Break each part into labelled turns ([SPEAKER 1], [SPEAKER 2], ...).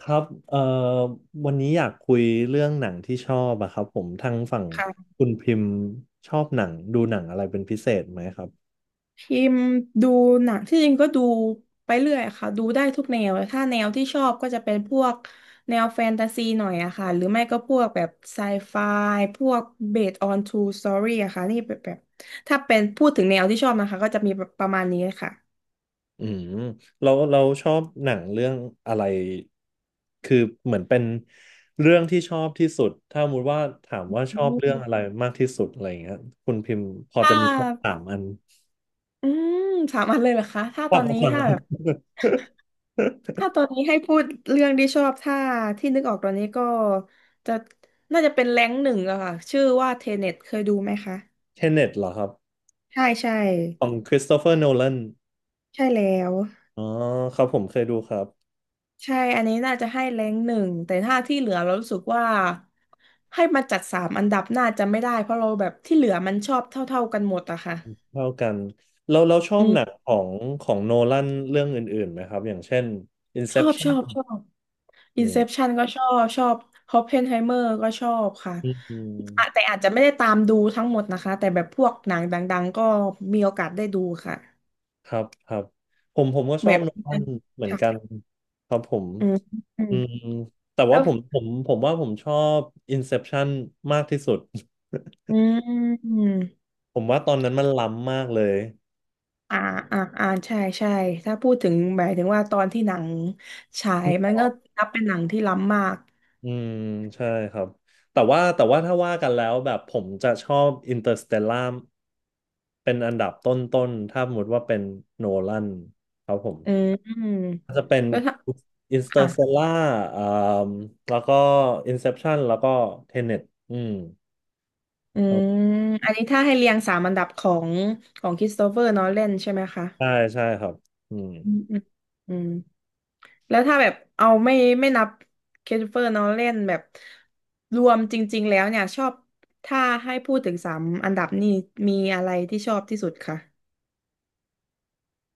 [SPEAKER 1] ครับวันนี้อยากคุยเรื่องหนังที่ชอบอะครับผมทางฝั่ง
[SPEAKER 2] ค่ะ
[SPEAKER 1] คุณพิมพ์ชอบหนังดูหนังอะไรเป็นพิเศษไหมครับ
[SPEAKER 2] พิมพ์ดูหนังที่จริงก็ดูไปเรื่อยค่ะดูได้ทุกแนวเลยถ้าแนวที่ชอบก็จะเป็นพวกแนวแฟนตาซีหน่อยอะค่ะหรือไม่ก็พวกแบบไซไฟพวก based on true story อะค่ะนี่แบบถ้าเป็นพูดถึงแนวที่ชอบนะคะก็จะมีประมาณนี้ค่ะ
[SPEAKER 1] อืมเราชอบหนังเรื่องอะไรคือเหมือนเป็นเรื่องที่ชอบที่สุดถ้าสมมติว่าถามว่าช
[SPEAKER 2] อื
[SPEAKER 1] อบเรื่องอะไร
[SPEAKER 2] ม
[SPEAKER 1] มากที่สุดอะไรอย่างเงี้ยคุณพิมพ์พอ
[SPEAKER 2] ถ้า
[SPEAKER 1] จะมีสักสามอัน
[SPEAKER 2] อืมสามอันเลยเหรอคะถ้า
[SPEAKER 1] พ
[SPEAKER 2] ต
[SPEAKER 1] อ
[SPEAKER 2] อน
[SPEAKER 1] จะ
[SPEAKER 2] นี้
[SPEAKER 1] ฟัง
[SPEAKER 2] ถ้า
[SPEAKER 1] อั
[SPEAKER 2] แบ
[SPEAKER 1] น
[SPEAKER 2] บ ถ้าตอนนี้ให้พูดเรื่องที่ชอบถ้าที่นึกออกตอนนี้ก็จะน่าจะเป็นแรงค์หนึ่งอะค่ะชื่อว่าเทเน็ตเคยดูไหมคะ
[SPEAKER 1] เทเน็ตเหรอครับ
[SPEAKER 2] ใช่ใช่
[SPEAKER 1] ของคริสโตเฟอร์โนแลน
[SPEAKER 2] ใช่แล้ว
[SPEAKER 1] อ๋อครับผมเคยดูครับ
[SPEAKER 2] ใช่อันนี้น่าจะให้แรงหนึ่งแต่ถ้าที่เหลือเรารู้สึกว่าให้มาจัดสามอันดับน่าจะไม่ได้เพราะเราแบบที่เหลือมันชอบเท่าๆกันหมดอะค่ะ
[SPEAKER 1] เท่ากันเราชอ
[SPEAKER 2] อื
[SPEAKER 1] บหนัง
[SPEAKER 2] ม
[SPEAKER 1] ของของโนแลนเรื่องอื่นๆไหมครับอย่างเช่น
[SPEAKER 2] ชอบช
[SPEAKER 1] Inception
[SPEAKER 2] อบชอบ
[SPEAKER 1] อืม
[SPEAKER 2] Inception ก็ชอบ Oppenheimer ก็ชอบค่ะ
[SPEAKER 1] อื
[SPEAKER 2] อะ
[SPEAKER 1] ม
[SPEAKER 2] แต่อาจจะไม่ได้ตามดูทั้งหมดนะคะแต่แบบพวกหนังดังๆก็มีโอกาสได้ดูค่ะ
[SPEAKER 1] ครับครับผมก็ช
[SPEAKER 2] แบ
[SPEAKER 1] อบ
[SPEAKER 2] บ
[SPEAKER 1] โนแลนเหมือน
[SPEAKER 2] ค่ะ
[SPEAKER 1] กันครับผม
[SPEAKER 2] อืมอืม
[SPEAKER 1] อืมแต่
[SPEAKER 2] แล้
[SPEAKER 1] ว่า
[SPEAKER 2] ว
[SPEAKER 1] ผมว่าผมชอบ Inception มากที่สุด
[SPEAKER 2] อืม
[SPEAKER 1] ผมว่าตอนนั้นมันล้ำมากเลย
[SPEAKER 2] อ่าอ่าใช่ใช่ถ้าพูดถึงหมายถึงว่าตอนที่หนังฉายมันก็นับเป็นหนังที่ล้ำมาก
[SPEAKER 1] อืมใช่ครับแต่ว่าถ้าว่ากันแล้วแบบผมจะชอบอินเตอร์สเตลล่าเป็นอันดับต้นๆถ้าสมมติว่าเป็นโนแลนครับผม
[SPEAKER 2] อืมอืมแล้วถ้า
[SPEAKER 1] อินเตอ
[SPEAKER 2] ค่ะ
[SPEAKER 1] ร์สเตลล่าอ่าแล้วก็อินเซปชันแล้วก็เทเน็ตอืม
[SPEAKER 2] อืมอันนี้ถ้าให้เรียงสามอันดับของของคริสโตเฟอร์นอแลนใช่ไหมคะ
[SPEAKER 1] ใช่ใช่ครับอืม
[SPEAKER 2] อืมอืมอืมแล้วถ้าแบบเอาไม่นับคริสโตเฟอร์นอแลนแบบรวมจริงๆแล้วเนี่ยชอบถ้าให้พูดถึงสามอันดับนี่มีอะไรที่ชอบที่สุดคะ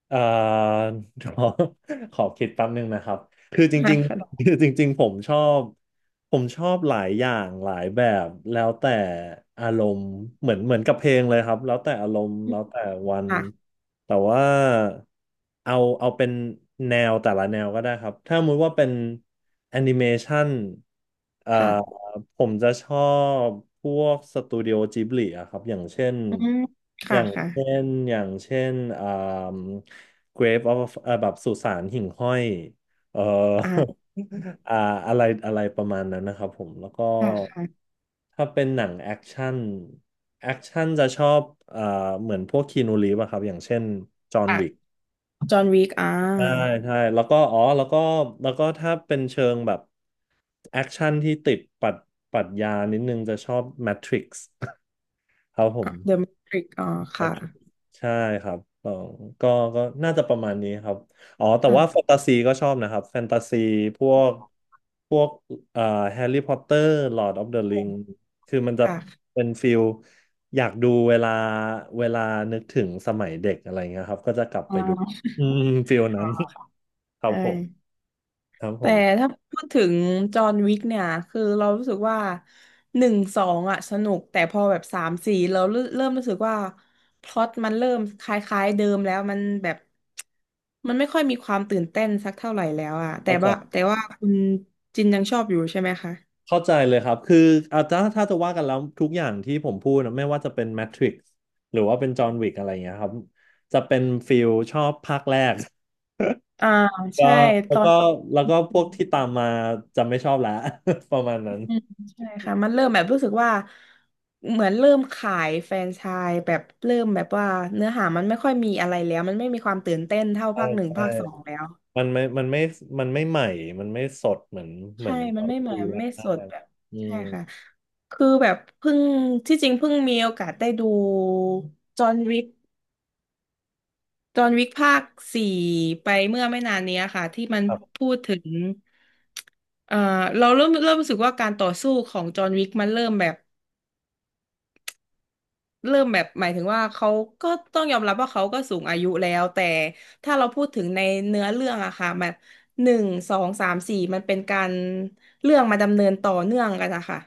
[SPEAKER 1] เอ่อ ขอขอคิดแป๊บนึงนะครับคือจ
[SPEAKER 2] ค่ะ
[SPEAKER 1] ริงๆ
[SPEAKER 2] ค
[SPEAKER 1] คือจริงๆผมชอบหลายอย่างหลายแบบแล้วแต่อารมณ์เหมือนกับเพลงเลยครับแล้วแต่อารมณ์แล้วแต่วัน
[SPEAKER 2] ่ะ
[SPEAKER 1] แต่ว่าเอาเอาเป็นแนวแต่ละแนวก็ได้ครับถ้าสมมติว่าเป็นแอนิเมชันเอ่อ
[SPEAKER 2] ค่ะ
[SPEAKER 1] ผมจะชอบพวกสตูดิโอจิบลิอะครับอย่างเช่น
[SPEAKER 2] อืม
[SPEAKER 1] อ
[SPEAKER 2] ค่ะ
[SPEAKER 1] ย่าง
[SPEAKER 2] ค่ะ
[SPEAKER 1] เช่นอย่างเช่นอ่า Grave of แบบสุสานหิ่งห้อย เอ่อ
[SPEAKER 2] อ่า
[SPEAKER 1] อ่าอะไรอะไรประมาณนั้นนะครับผม แล้วก็
[SPEAKER 2] ค่ะค่ะ
[SPEAKER 1] ถ้าเป็นหนังแอคชั่นจะชอบเอ่อเหมือนพวกคีนูรีฟอะครับ อย่างเช่นจอห์น
[SPEAKER 2] อ่ะ
[SPEAKER 1] วิก
[SPEAKER 2] จอห์นวิกอ่า
[SPEAKER 1] ใช่ใช่แล้วก็อ๋อแล้วก็ถ้าเป็นเชิงแบบแอคชั่นที่ติดปรัดปรัชญานิดนึงจะชอบ Matrix ครับผ
[SPEAKER 2] ะเดอะ
[SPEAKER 1] ม
[SPEAKER 2] แมทริกอา The Matrix อาค่ะ
[SPEAKER 1] ใช่ครับเออก็ก็น่าจะประมาณนี้ครับ อ๋อแต่ว่าแฟ
[SPEAKER 2] ค่ะ
[SPEAKER 1] นตาซีก็ชอบนะครับ แฟนตาซีพวกพวกเอ่อแฮร์รี่พอตเตอร์ลอร์ดออฟเดอะริงคือมันจะ
[SPEAKER 2] ค่ะ
[SPEAKER 1] เป็นฟิลอยากดูเวลาเวลานึกถึงสมัยเด็กอะไรเงี้ยครับ ก็จะกลับ
[SPEAKER 2] อ่
[SPEAKER 1] ไปดู
[SPEAKER 2] า
[SPEAKER 1] อืมฟิลนั้น ครับ
[SPEAKER 2] ใช่
[SPEAKER 1] ผม ครับผ
[SPEAKER 2] แต่
[SPEAKER 1] ม
[SPEAKER 2] ถ้าพูดถึงจอห์นวิกเนี่ย คือเรารู้สึกว่า หนึ่งสองอ่ะสนุก แต่พอแบบสามสี่เราเริ่มรู้สึกว่าพล็อตมันเริ่มคล้ายๆเดิมแล้วมันแบบ มันไม่ค่อยมีความตื่นเต้นสักเท่าไหร่แล้วอ่ะแต่
[SPEAKER 1] เข้าใจ
[SPEAKER 2] ว่าแต่ว่าคุณจินยังชอบอยู่ใช่ไหมคะ
[SPEAKER 1] เข้าใจเลยครับคืออาถ้าจะว่ากันแล้วทุกอย่างที่ผมพูดนะไม่ว่าจะเป็นแมทริกซ์หรือว่าเป็นจอห์นวิกอะไรอย่างเงี้ยครับจะเป็นฟิลชอบภาคแรก
[SPEAKER 2] อ่า
[SPEAKER 1] ก็
[SPEAKER 2] ใช่ต
[SPEAKER 1] แล้ว
[SPEAKER 2] อ
[SPEAKER 1] ก็
[SPEAKER 2] น
[SPEAKER 1] แล้วก็พวกที่ตามมาจะไม่ชอบแล้ว ประมาณนั้น
[SPEAKER 2] อืมใช่ค่ะมันเริ่มแบบรู้สึกว่าเหมือนเริ่มขายแฟรนไชส์แบบเริ่มแบบว่าเนื้อหามันไม่ค่อยมีอะไรแล้วมันไม่มีความตื่นเต้นเท่า
[SPEAKER 1] ใช่
[SPEAKER 2] ภาคหนึ่ง
[SPEAKER 1] ใช่
[SPEAKER 2] ภาคสองแล้ว
[SPEAKER 1] มันไม่มันไม่มันไม่ใหม่มันไม่สดเหมือนเหมื
[SPEAKER 2] ใช่
[SPEAKER 1] อนต
[SPEAKER 2] มั
[SPEAKER 1] อ
[SPEAKER 2] น
[SPEAKER 1] น
[SPEAKER 2] ไม่เหมื
[SPEAKER 1] ดู
[SPEAKER 2] อน
[SPEAKER 1] แ
[SPEAKER 2] ไม่
[SPEAKER 1] ร
[SPEAKER 2] สด
[SPEAKER 1] ก
[SPEAKER 2] แบบ
[SPEAKER 1] ๆอื
[SPEAKER 2] ใช่
[SPEAKER 1] ม
[SPEAKER 2] ค่ะคือแบบเพิ่งที่จริงเพิ่งมีโอกาสได้ดูจอห์นวิกจอห์นวิกภาคสี่ไปเมื่อไม่นานเนี้ยค่ะที่มัน
[SPEAKER 1] ครับ
[SPEAKER 2] พูดถึงเอ่อเราเริ่มรู้สึกว่าการต่อสู้ของจอห์นวิกมันเริ่มแบบ เริ่มแบบหมายถึงว่าเขาก็ต้องยอมรับว่าเขาก็สูงอายุแล้วแต่ถ้าเราพูดถึงในเนื้อเรื่องอะค่ะมันหนึ่งสองสามสี่มันเป็นการเรื่องมาดำเนินต่อเนื่องกันอะค่ะ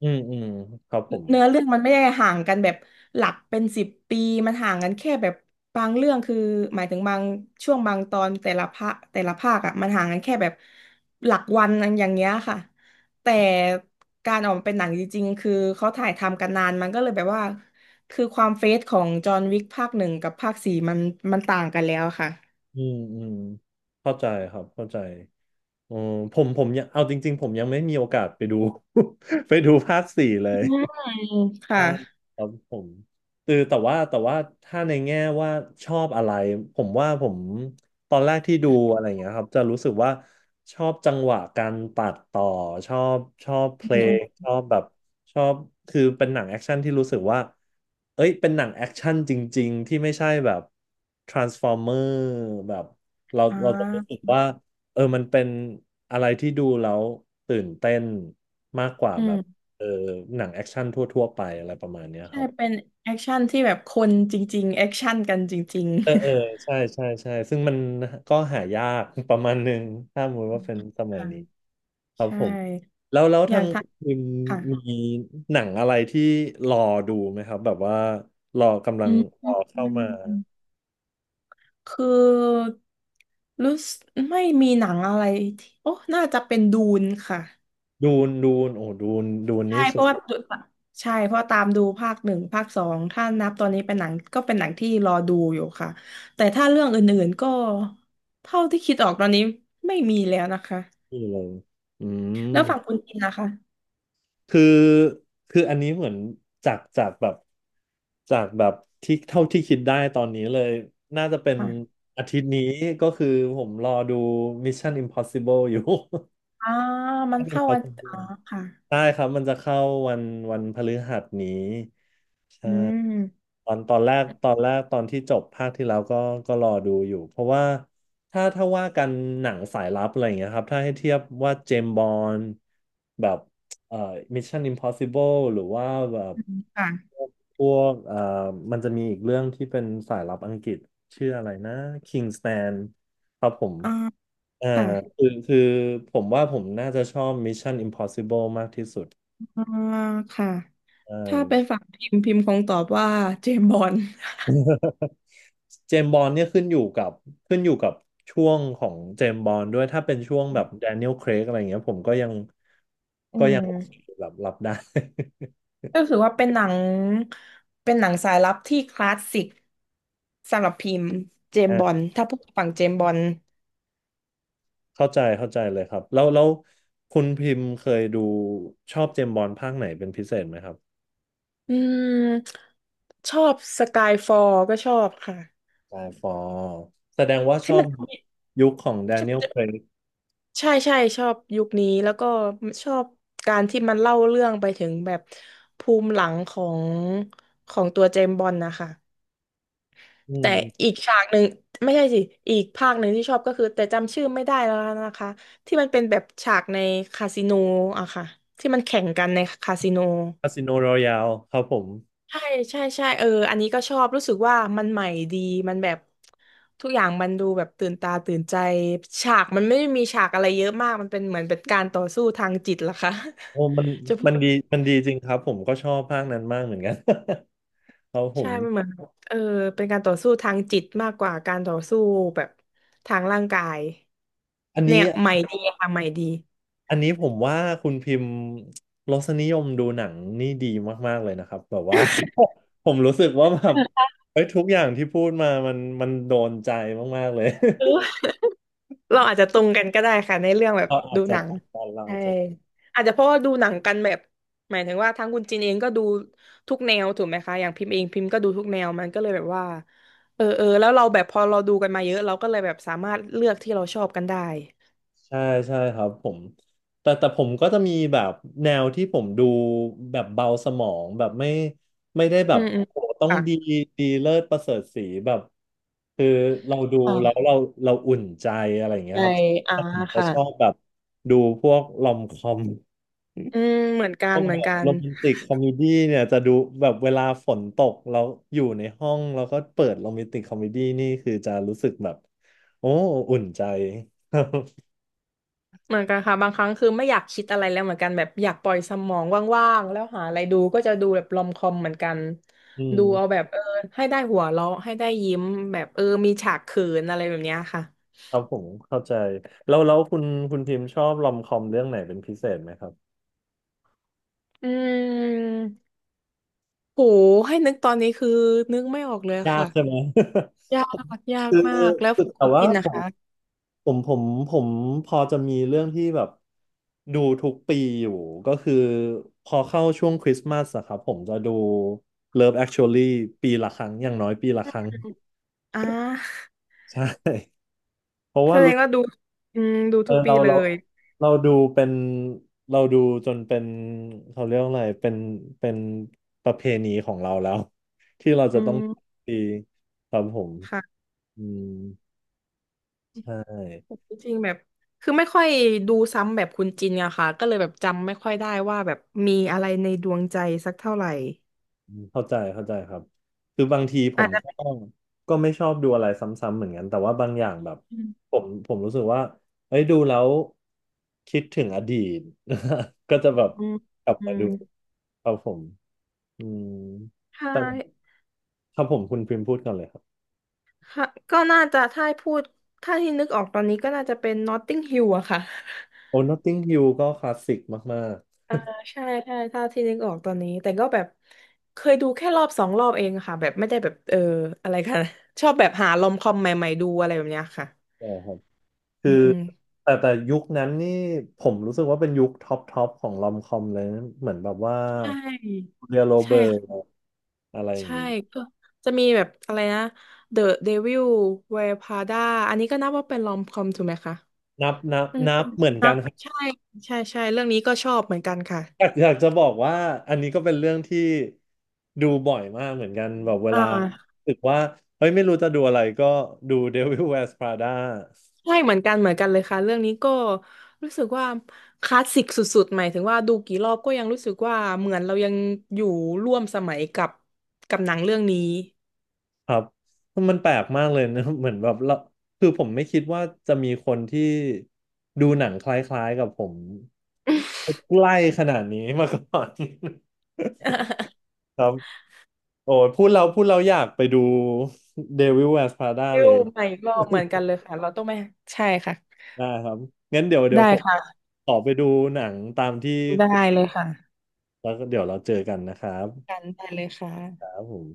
[SPEAKER 1] อืมอืมครับผม
[SPEAKER 2] เนื้อเรื่องมันไม่ได้ห่างกันแบบหลักเป็นสิบปีมันห่างกันแค่แบบบางเรื่องคือหมายถึงบางช่วงบางตอนแต่ละภาคอ่ะมันห่างกันแค่แบบหลักวันอันอย่างเงี้ยค่ะแต่การออกมาเป็นหนังจริงๆคือเขาถ่ายทำกันนานมันก็เลยแบบว่าคือความเฟสของจอห์นวิกภาคหนึ่งกับภาคสี่มันต่างกันแล้วค่ะ
[SPEAKER 1] อืมอืมเข้าใจครับเข้าใจ อืมผมยังเอาจริงๆผมยังไม่มีโอกาสไปดู ไปดูภาคสี่เล
[SPEAKER 2] อื
[SPEAKER 1] ย
[SPEAKER 2] มค่ะ
[SPEAKER 1] อ่าครับผมคือแต่ว่าถ้าในแง่ว่าชอบอะไรผมว่าผมตอนแรกที่ดูอะไรอย่างเงี้ยครับจะรู้สึกว่าชอบจังหวะการตัดต่อชอบเพล
[SPEAKER 2] อืมอ
[SPEAKER 1] งชอบแบบชอบคือเป็นหนังแอคชั่นที่รู้สึกว่าเอ้ยเป็นหนังแอคชั่นจริงๆที่ไม่ใช่แบบ Transformer แบบเรา
[SPEAKER 2] ่
[SPEAKER 1] เราจะรู้สึก
[SPEAKER 2] า
[SPEAKER 1] ว่าเออมันเป็นอะไรที่ดูแล้วตื่นเต้นมากกว่า
[SPEAKER 2] อื
[SPEAKER 1] แบบ
[SPEAKER 2] ม
[SPEAKER 1] เออหนังแอคชั่นทั่วๆไปอะไรประมาณเนี้ยค
[SPEAKER 2] ใช่
[SPEAKER 1] รับ
[SPEAKER 2] เป็นแอคชั่นที่แบบคนจริงๆแอคชั่นกันจริง
[SPEAKER 1] เออเออ
[SPEAKER 2] ๆ
[SPEAKER 1] ใช่ใช่ใช่ซึ่งมันก็หายาก ประมาณหนึ่งถ้าสมมติว่าเป็นสมัย
[SPEAKER 2] ค่ะ
[SPEAKER 1] นี้ครับ
[SPEAKER 2] ใช่
[SPEAKER 1] ผมแล้ว
[SPEAKER 2] อ
[SPEAKER 1] ทา
[SPEAKER 2] ย่าง
[SPEAKER 1] ง
[SPEAKER 2] ท้า
[SPEAKER 1] คุณ
[SPEAKER 2] ค่ะ
[SPEAKER 1] มีหนังอะไรที่รอดูไหมครับแบบว่ารอกำลั
[SPEAKER 2] อื
[SPEAKER 1] ง
[SPEAKER 2] ม
[SPEAKER 1] ร
[SPEAKER 2] อื
[SPEAKER 1] อ
[SPEAKER 2] ม
[SPEAKER 1] เข้ามา
[SPEAKER 2] อืมคือรู้สึกไม่มีหนังอะไรที่โอ้น่าจะเป็นดูนค่ะ
[SPEAKER 1] ดูนโอ้ดูน
[SPEAKER 2] ใช่
[SPEAKER 1] นี้
[SPEAKER 2] เพ
[SPEAKER 1] สุด
[SPEAKER 2] ราะว่าใช่เพราะตามดูภาคหนึ่งภาคสองถ้านับตอนนี้เป็นหนังก็เป็นหนังที่รอดูอยู่ค่ะแต่ถ้าเรื่องอื่นๆก็เท่าที่คิดออกตอนนี้ไม่มีแล้วนะคะ
[SPEAKER 1] ที่เลยอืม
[SPEAKER 2] แล้วฝั่งคุณกินนะคะ
[SPEAKER 1] คือคืออันนี้เหมือนจากจากแบบจากแบบที่เท่าที่คิดได้ตอนนี้เลยน่าจะเป็น
[SPEAKER 2] อ่ะ
[SPEAKER 1] อาทิตย์นี้ก็คือผมรอดู Mission Impossible อยู่
[SPEAKER 2] อ่ามั น
[SPEAKER 1] Mission
[SPEAKER 2] เข้าวันอ๋อ
[SPEAKER 1] Impossible
[SPEAKER 2] ค่ะ
[SPEAKER 1] ได้ครับมันจะเข้าวันวันพฤหัสนี้ใช่
[SPEAKER 2] อืม
[SPEAKER 1] ตอนแรกตอนที่จบภาคที่แล้วก็รอดูอยู่เพราะว่าถ้าว่ากันหนังสายลับอะไรอย่างเงี้ยครับถ้าให้เทียบว่าเจมส์บอนด์แบบเอ่อ Mission Impossible หรือว่าแบบ
[SPEAKER 2] ค่ะ
[SPEAKER 1] พวกมันจะมีอีกเรื่องที่เป็นสายลับอังกฤษชื่ออะไรนะ Kingsman ครับผม
[SPEAKER 2] อ่า
[SPEAKER 1] อ่า
[SPEAKER 2] ค่ะ
[SPEAKER 1] คือผมว่าผมน่าจะชอบ Mission Impossible มากที่สุด
[SPEAKER 2] อ่าค่ะ
[SPEAKER 1] ใช่
[SPEAKER 2] ถ้าเป็นฝั่งพิมพ์พิมพ์คงตอบว่าเจมส์บอนด์
[SPEAKER 1] เจมส์บอนด์เนี่ยขึ้นอยู่กับช่วงของเจมส์บอนด์ด้วยถ้าเป็นช่วงแบบแดเนียล r a i รกอะไรเงี้ยผมก็ยัง
[SPEAKER 2] อื
[SPEAKER 1] ก็ยัง
[SPEAKER 2] ม
[SPEAKER 1] โอเคแบบรับได้
[SPEAKER 2] ก็คือว่าเป็นหนังเป็นหนังสายลับที่คลาสสิกสำหรับพิมพ์เจ มส์บอน
[SPEAKER 1] อ่า
[SPEAKER 2] ด์ถ้าพูดฝั่งเจมส์บอนด์
[SPEAKER 1] เข้าใจเลยครับแล้วคุณพิมพ์เคยดูชอบเจมส์บอนด์ภาคไหนเป็นพิเศษไหมครับ
[SPEAKER 2] อืมชอบสกายฟอลก็ชอบค่ะ
[SPEAKER 1] ไดฟอลแสดงว่าช
[SPEAKER 2] ที่
[SPEAKER 1] อ
[SPEAKER 2] มั
[SPEAKER 1] บ
[SPEAKER 2] นที่
[SPEAKER 1] ยุคของแด
[SPEAKER 2] มันจะ
[SPEAKER 1] เนียล r a i รก
[SPEAKER 2] ใช่ใช่ชอบยุคนี้แล้วก็ชอบการที่มันเล่าเรื่องไปถึงแบบภูมิหลังของของตัวเจมส์บอนด์นะคะ
[SPEAKER 1] อื
[SPEAKER 2] แต่
[SPEAKER 1] ม
[SPEAKER 2] อีกฉากหนึ่งไม่ใช่สิอีกภาคหนึ่งที่ชอบก็คือแต่จำชื่อไม่ได้แล้วนะคะที่มันเป็นแบบฉากในคาสิโนอะค่ะที่มันแข่งกันในคาสิโน
[SPEAKER 1] คาสิโนรอยัลครับผม
[SPEAKER 2] ใช่ใช่ใช่เอออันนี้ก็ชอบรู้สึกว่ามันใหม่ดีมันแบบทุกอย่างมันดูแบบตื่นตาตื่นใจฉากมันไม่ได้มีฉากอะไรเยอะมากมันเป็นเหมือนเป็นการต่อสู้ทางจิตล่ะค่ะ
[SPEAKER 1] โอ้มัน
[SPEAKER 2] จะพู
[SPEAKER 1] มัน
[SPEAKER 2] ด
[SPEAKER 1] ดีมันดีจริงครับผมก็ชอบภาคนั้นมากเหมือนกัน ครับผ
[SPEAKER 2] ใช่
[SPEAKER 1] ม
[SPEAKER 2] มันเหมือนแบบเป็นการต่อสู้ทางจิตมากกว่าการต่อสู้แบบทางร่างกาย
[SPEAKER 1] อันนี้
[SPEAKER 2] เนี่ยใหม่ดีค่ะใหม่ดี
[SPEAKER 1] อันนี้ผมว่าคุณพิมพ์รสนิยมดูหนังนี่ดีมากๆเลยนะครับแบบว่า ผมรู้สึกว่าแบบ เฮ้ยทุกอย่างที่พูดมามันโดนใจมากๆเลย
[SPEAKER 2] เออเราอาจจะตรงกันก็ได้ค่ะในเรื่องแบบ
[SPEAKER 1] เราอาจ
[SPEAKER 2] ดู
[SPEAKER 1] จะ
[SPEAKER 2] หนัง
[SPEAKER 1] ตอนเราอา
[SPEAKER 2] ใช่
[SPEAKER 1] จจะ
[SPEAKER 2] อาจจะเพราะว่าดูหนังกันแบบหมายถึงว่าทั้งคุณจินเองก็ดูทุกแนวถูกไหมคะอย่างพิมพ์เองพิมพ์ก็ดูทุกแนวมันก็เลยแบบว่าเอออแล้วเราแบบพอเราดูกันมาเยอะเราก็เลยแบบสามารถเลือกที่เราชอบกันได้
[SPEAKER 1] ใช่ใช่ครับผมแต่ผมก็จะมีแบบแนวที่ผมดูแบบเบาสมองแบบไม่ได้แบ
[SPEAKER 2] อื
[SPEAKER 1] บ
[SPEAKER 2] มอื
[SPEAKER 1] โอ้
[SPEAKER 2] ม
[SPEAKER 1] โหต้องดี
[SPEAKER 2] ค่ะ
[SPEAKER 1] ดีเลิศประเสริฐศรีแบบคือเราดูแล้ว
[SPEAKER 2] อ่า
[SPEAKER 1] เราอุ่นใจอะไรอย่างเงี้ย
[SPEAKER 2] ใช่
[SPEAKER 1] ครับ
[SPEAKER 2] อ่า
[SPEAKER 1] ผมจะชอบ
[SPEAKER 2] ค่ะ
[SPEAKER 1] แบบดูพวกลอมคอม
[SPEAKER 2] อืมเหมือนกั
[SPEAKER 1] พ
[SPEAKER 2] น
[SPEAKER 1] วก
[SPEAKER 2] เหมื
[SPEAKER 1] แบ
[SPEAKER 2] อน
[SPEAKER 1] บ
[SPEAKER 2] กั
[SPEAKER 1] โร
[SPEAKER 2] น
[SPEAKER 1] แมนติกคอมเมดี้เนี่ยจะดูแบบเวลาฝนตกแล้วอยู่ในห้องแล้วก็เปิดโรแมนติกคอมเมดี้นี่คือจะรู้สึกแบบโอ้อุ่นใจ
[SPEAKER 2] เหมือนกันค่ะบางครั้งคือไม่อยากคิดอะไรแล้วเหมือนกันแบบอยากปล่อยสมองว่างๆแล้วหาอะไรดูก็จะดูแบบรอมคอมเหมือนกัน
[SPEAKER 1] อืม
[SPEAKER 2] ดูเอาแบบเออให้ได้หัวเราะให้ได้ยิ้มแบบเออมีฉากเขินอะไรแบบเนี้ยค่ะ
[SPEAKER 1] ครับผมเข้าใจแล้วคุณพิมพ์ชอบรอมคอมเรื่องไหนเป็นพิเศษไหมครับ
[SPEAKER 2] อืมโหให้นึกตอนนี้คือนึกไม่ออกเลย
[SPEAKER 1] ยาก
[SPEAKER 2] ค่ะ
[SPEAKER 1] ใช่ไหม
[SPEAKER 2] ยากยา ก
[SPEAKER 1] คือ
[SPEAKER 2] มา
[SPEAKER 1] คือ
[SPEAKER 2] กแล้ว
[SPEAKER 1] แต่
[SPEAKER 2] คุณ
[SPEAKER 1] ว่า
[SPEAKER 2] ปินนะคะ
[SPEAKER 1] ผมผมผมพอจะมีเรื่องที่แบบดูทุกปีอยู่ก็คือพอเข้าช่วงคริสต์มาสอะครับผมจะดู Love Actually ปีละครั้งอย่างน้อยปีละครั้ง
[SPEAKER 2] อ่า
[SPEAKER 1] ใช่ เพราะ
[SPEAKER 2] แส
[SPEAKER 1] ว่า
[SPEAKER 2] ดงว่าดูอืมดู
[SPEAKER 1] เออ
[SPEAKER 2] ทุกปี
[SPEAKER 1] เรา
[SPEAKER 2] เล
[SPEAKER 1] เรา
[SPEAKER 2] ย
[SPEAKER 1] เราดูเป็นเราดูจนเป็นเขาเรียกว่าอะไรเป็นประเพณีของเราแล้ว ที่เรา
[SPEAKER 2] อื
[SPEAKER 1] จะต้อง
[SPEAKER 2] ม
[SPEAKER 1] ตีครับผม
[SPEAKER 2] ค่ะ
[SPEAKER 1] อืมใช่
[SPEAKER 2] จริงๆแบบคือไม่ค่อยดูซ้ำแบบคุณจินอะค่ะก็เลยแบบจำไม่ค่อยได้ว่าแบบมีอะไรในดวงใจสักเท่าไหร่
[SPEAKER 1] อืมเข้าใจครับคือบางทีผ
[SPEAKER 2] อา
[SPEAKER 1] ม
[SPEAKER 2] จจะ
[SPEAKER 1] ก็ไม่ชอบดูอะไรซ้ำๆเหมือนกันแต่ว่าบางอย่างแบบ
[SPEAKER 2] อื
[SPEAKER 1] ผ
[SPEAKER 2] ม
[SPEAKER 1] มผมรู้สึกว่าเอ้ยดูแล้วคิดถึงอดีต ก็จะแบบ
[SPEAKER 2] อืม
[SPEAKER 1] กลับ
[SPEAKER 2] อื
[SPEAKER 1] มา
[SPEAKER 2] ม
[SPEAKER 1] ดูครับผมอืม
[SPEAKER 2] ใช่
[SPEAKER 1] แต่ครับผมคุณพิมพ์พูดก่อนเลย
[SPEAKER 2] ค่ะก็น่าจะถ้าให้พูดถ้าที่นึกออกตอนนี้ก็น่าจะเป็น Notting Hill อะค่ะ
[SPEAKER 1] โอ้ Notting Hill ก็คลาสสิกมาก
[SPEAKER 2] ใช่ใช่ถ้าที่นึกออกตอนนี้แต่ก็แบบเคยดูแค่รอบสองรอบเองค่ะแบบไม่ได้แบบเอออะไรค่ะ ชอบแบบหาลอมคอมใหม่ๆดูอะไรแบบเนี้ยค่ะ
[SPEAKER 1] ๆใช่ครับคื
[SPEAKER 2] อื
[SPEAKER 1] อ
[SPEAKER 2] ม
[SPEAKER 1] แต่ยุคนั้นนี่ผมรู้สึกว่าเป็นยุคท็อปของลอมคอมเลยนะเหมือนแบบว่า
[SPEAKER 2] ใช่
[SPEAKER 1] เรียโรเบิร์ต
[SPEAKER 2] ใช่
[SPEAKER 1] อะไรอย่าง
[SPEAKER 2] ใช่
[SPEAKER 1] งี้
[SPEAKER 2] ก็จะมีแบบอะไรนะ The Devil Wears Prada อันนี้ก็นับว่าเป็นลอมคอมถูกไหมคะ
[SPEAKER 1] นับนับ
[SPEAKER 2] อืม
[SPEAKER 1] นับเหมือน
[SPEAKER 2] นะ
[SPEAKER 1] กันครับ
[SPEAKER 2] ใช่ใช่ใช่เรื่องนี้ก็ชอบเหมือนกันค่ะ
[SPEAKER 1] อยากจะบอกว่าอันนี้ก็เป็นเรื่องที่ดูบ่อยมากเหมือนกันแบบเว
[SPEAKER 2] อ่
[SPEAKER 1] ลา
[SPEAKER 2] า
[SPEAKER 1] รู้สึกว่าเฮ้ยไม่รู้จะดูอะไรก็ดู Devil Wears Prada
[SPEAKER 2] ใช่เหมือนกันเหมือนกันเลยค่ะเรื่องนี้ก็รู้สึกว่าคลาสสิกสุดๆหมายถึงว่าดูกี่รอบก็ยังรู้สึกว่าเหมือนเรายังอยู่ร่วมสมัยกับหนังเรื่องนี้
[SPEAKER 1] ครับมันแปลกมากเลยนะ เหมือนแบบเราคือผมไม่คิดว่าจะมีคนที่ดูหนังคล้ายๆกับผมใกล้ขนาดนี้มาก่อน ครับโอ้ยพูดเราอยากไปดู Devil Wears Prada
[SPEAKER 2] ฟิ
[SPEAKER 1] เล
[SPEAKER 2] ล
[SPEAKER 1] ย
[SPEAKER 2] ใหม่รอบเหมือนกันเลยค่ะเราต้องไปใช่ค่ะ
[SPEAKER 1] ได้ครับงั้นเดี๋ย
[SPEAKER 2] ได้
[SPEAKER 1] วผม
[SPEAKER 2] ค่ะ
[SPEAKER 1] ขอไปดูหนังตามที่
[SPEAKER 2] ได้
[SPEAKER 1] คุณ
[SPEAKER 2] เลยค่ะ
[SPEAKER 1] แล้วก็เดี๋ยวเราเจอกันนะครับ
[SPEAKER 2] กันได้เลยค่ะ
[SPEAKER 1] ครับผม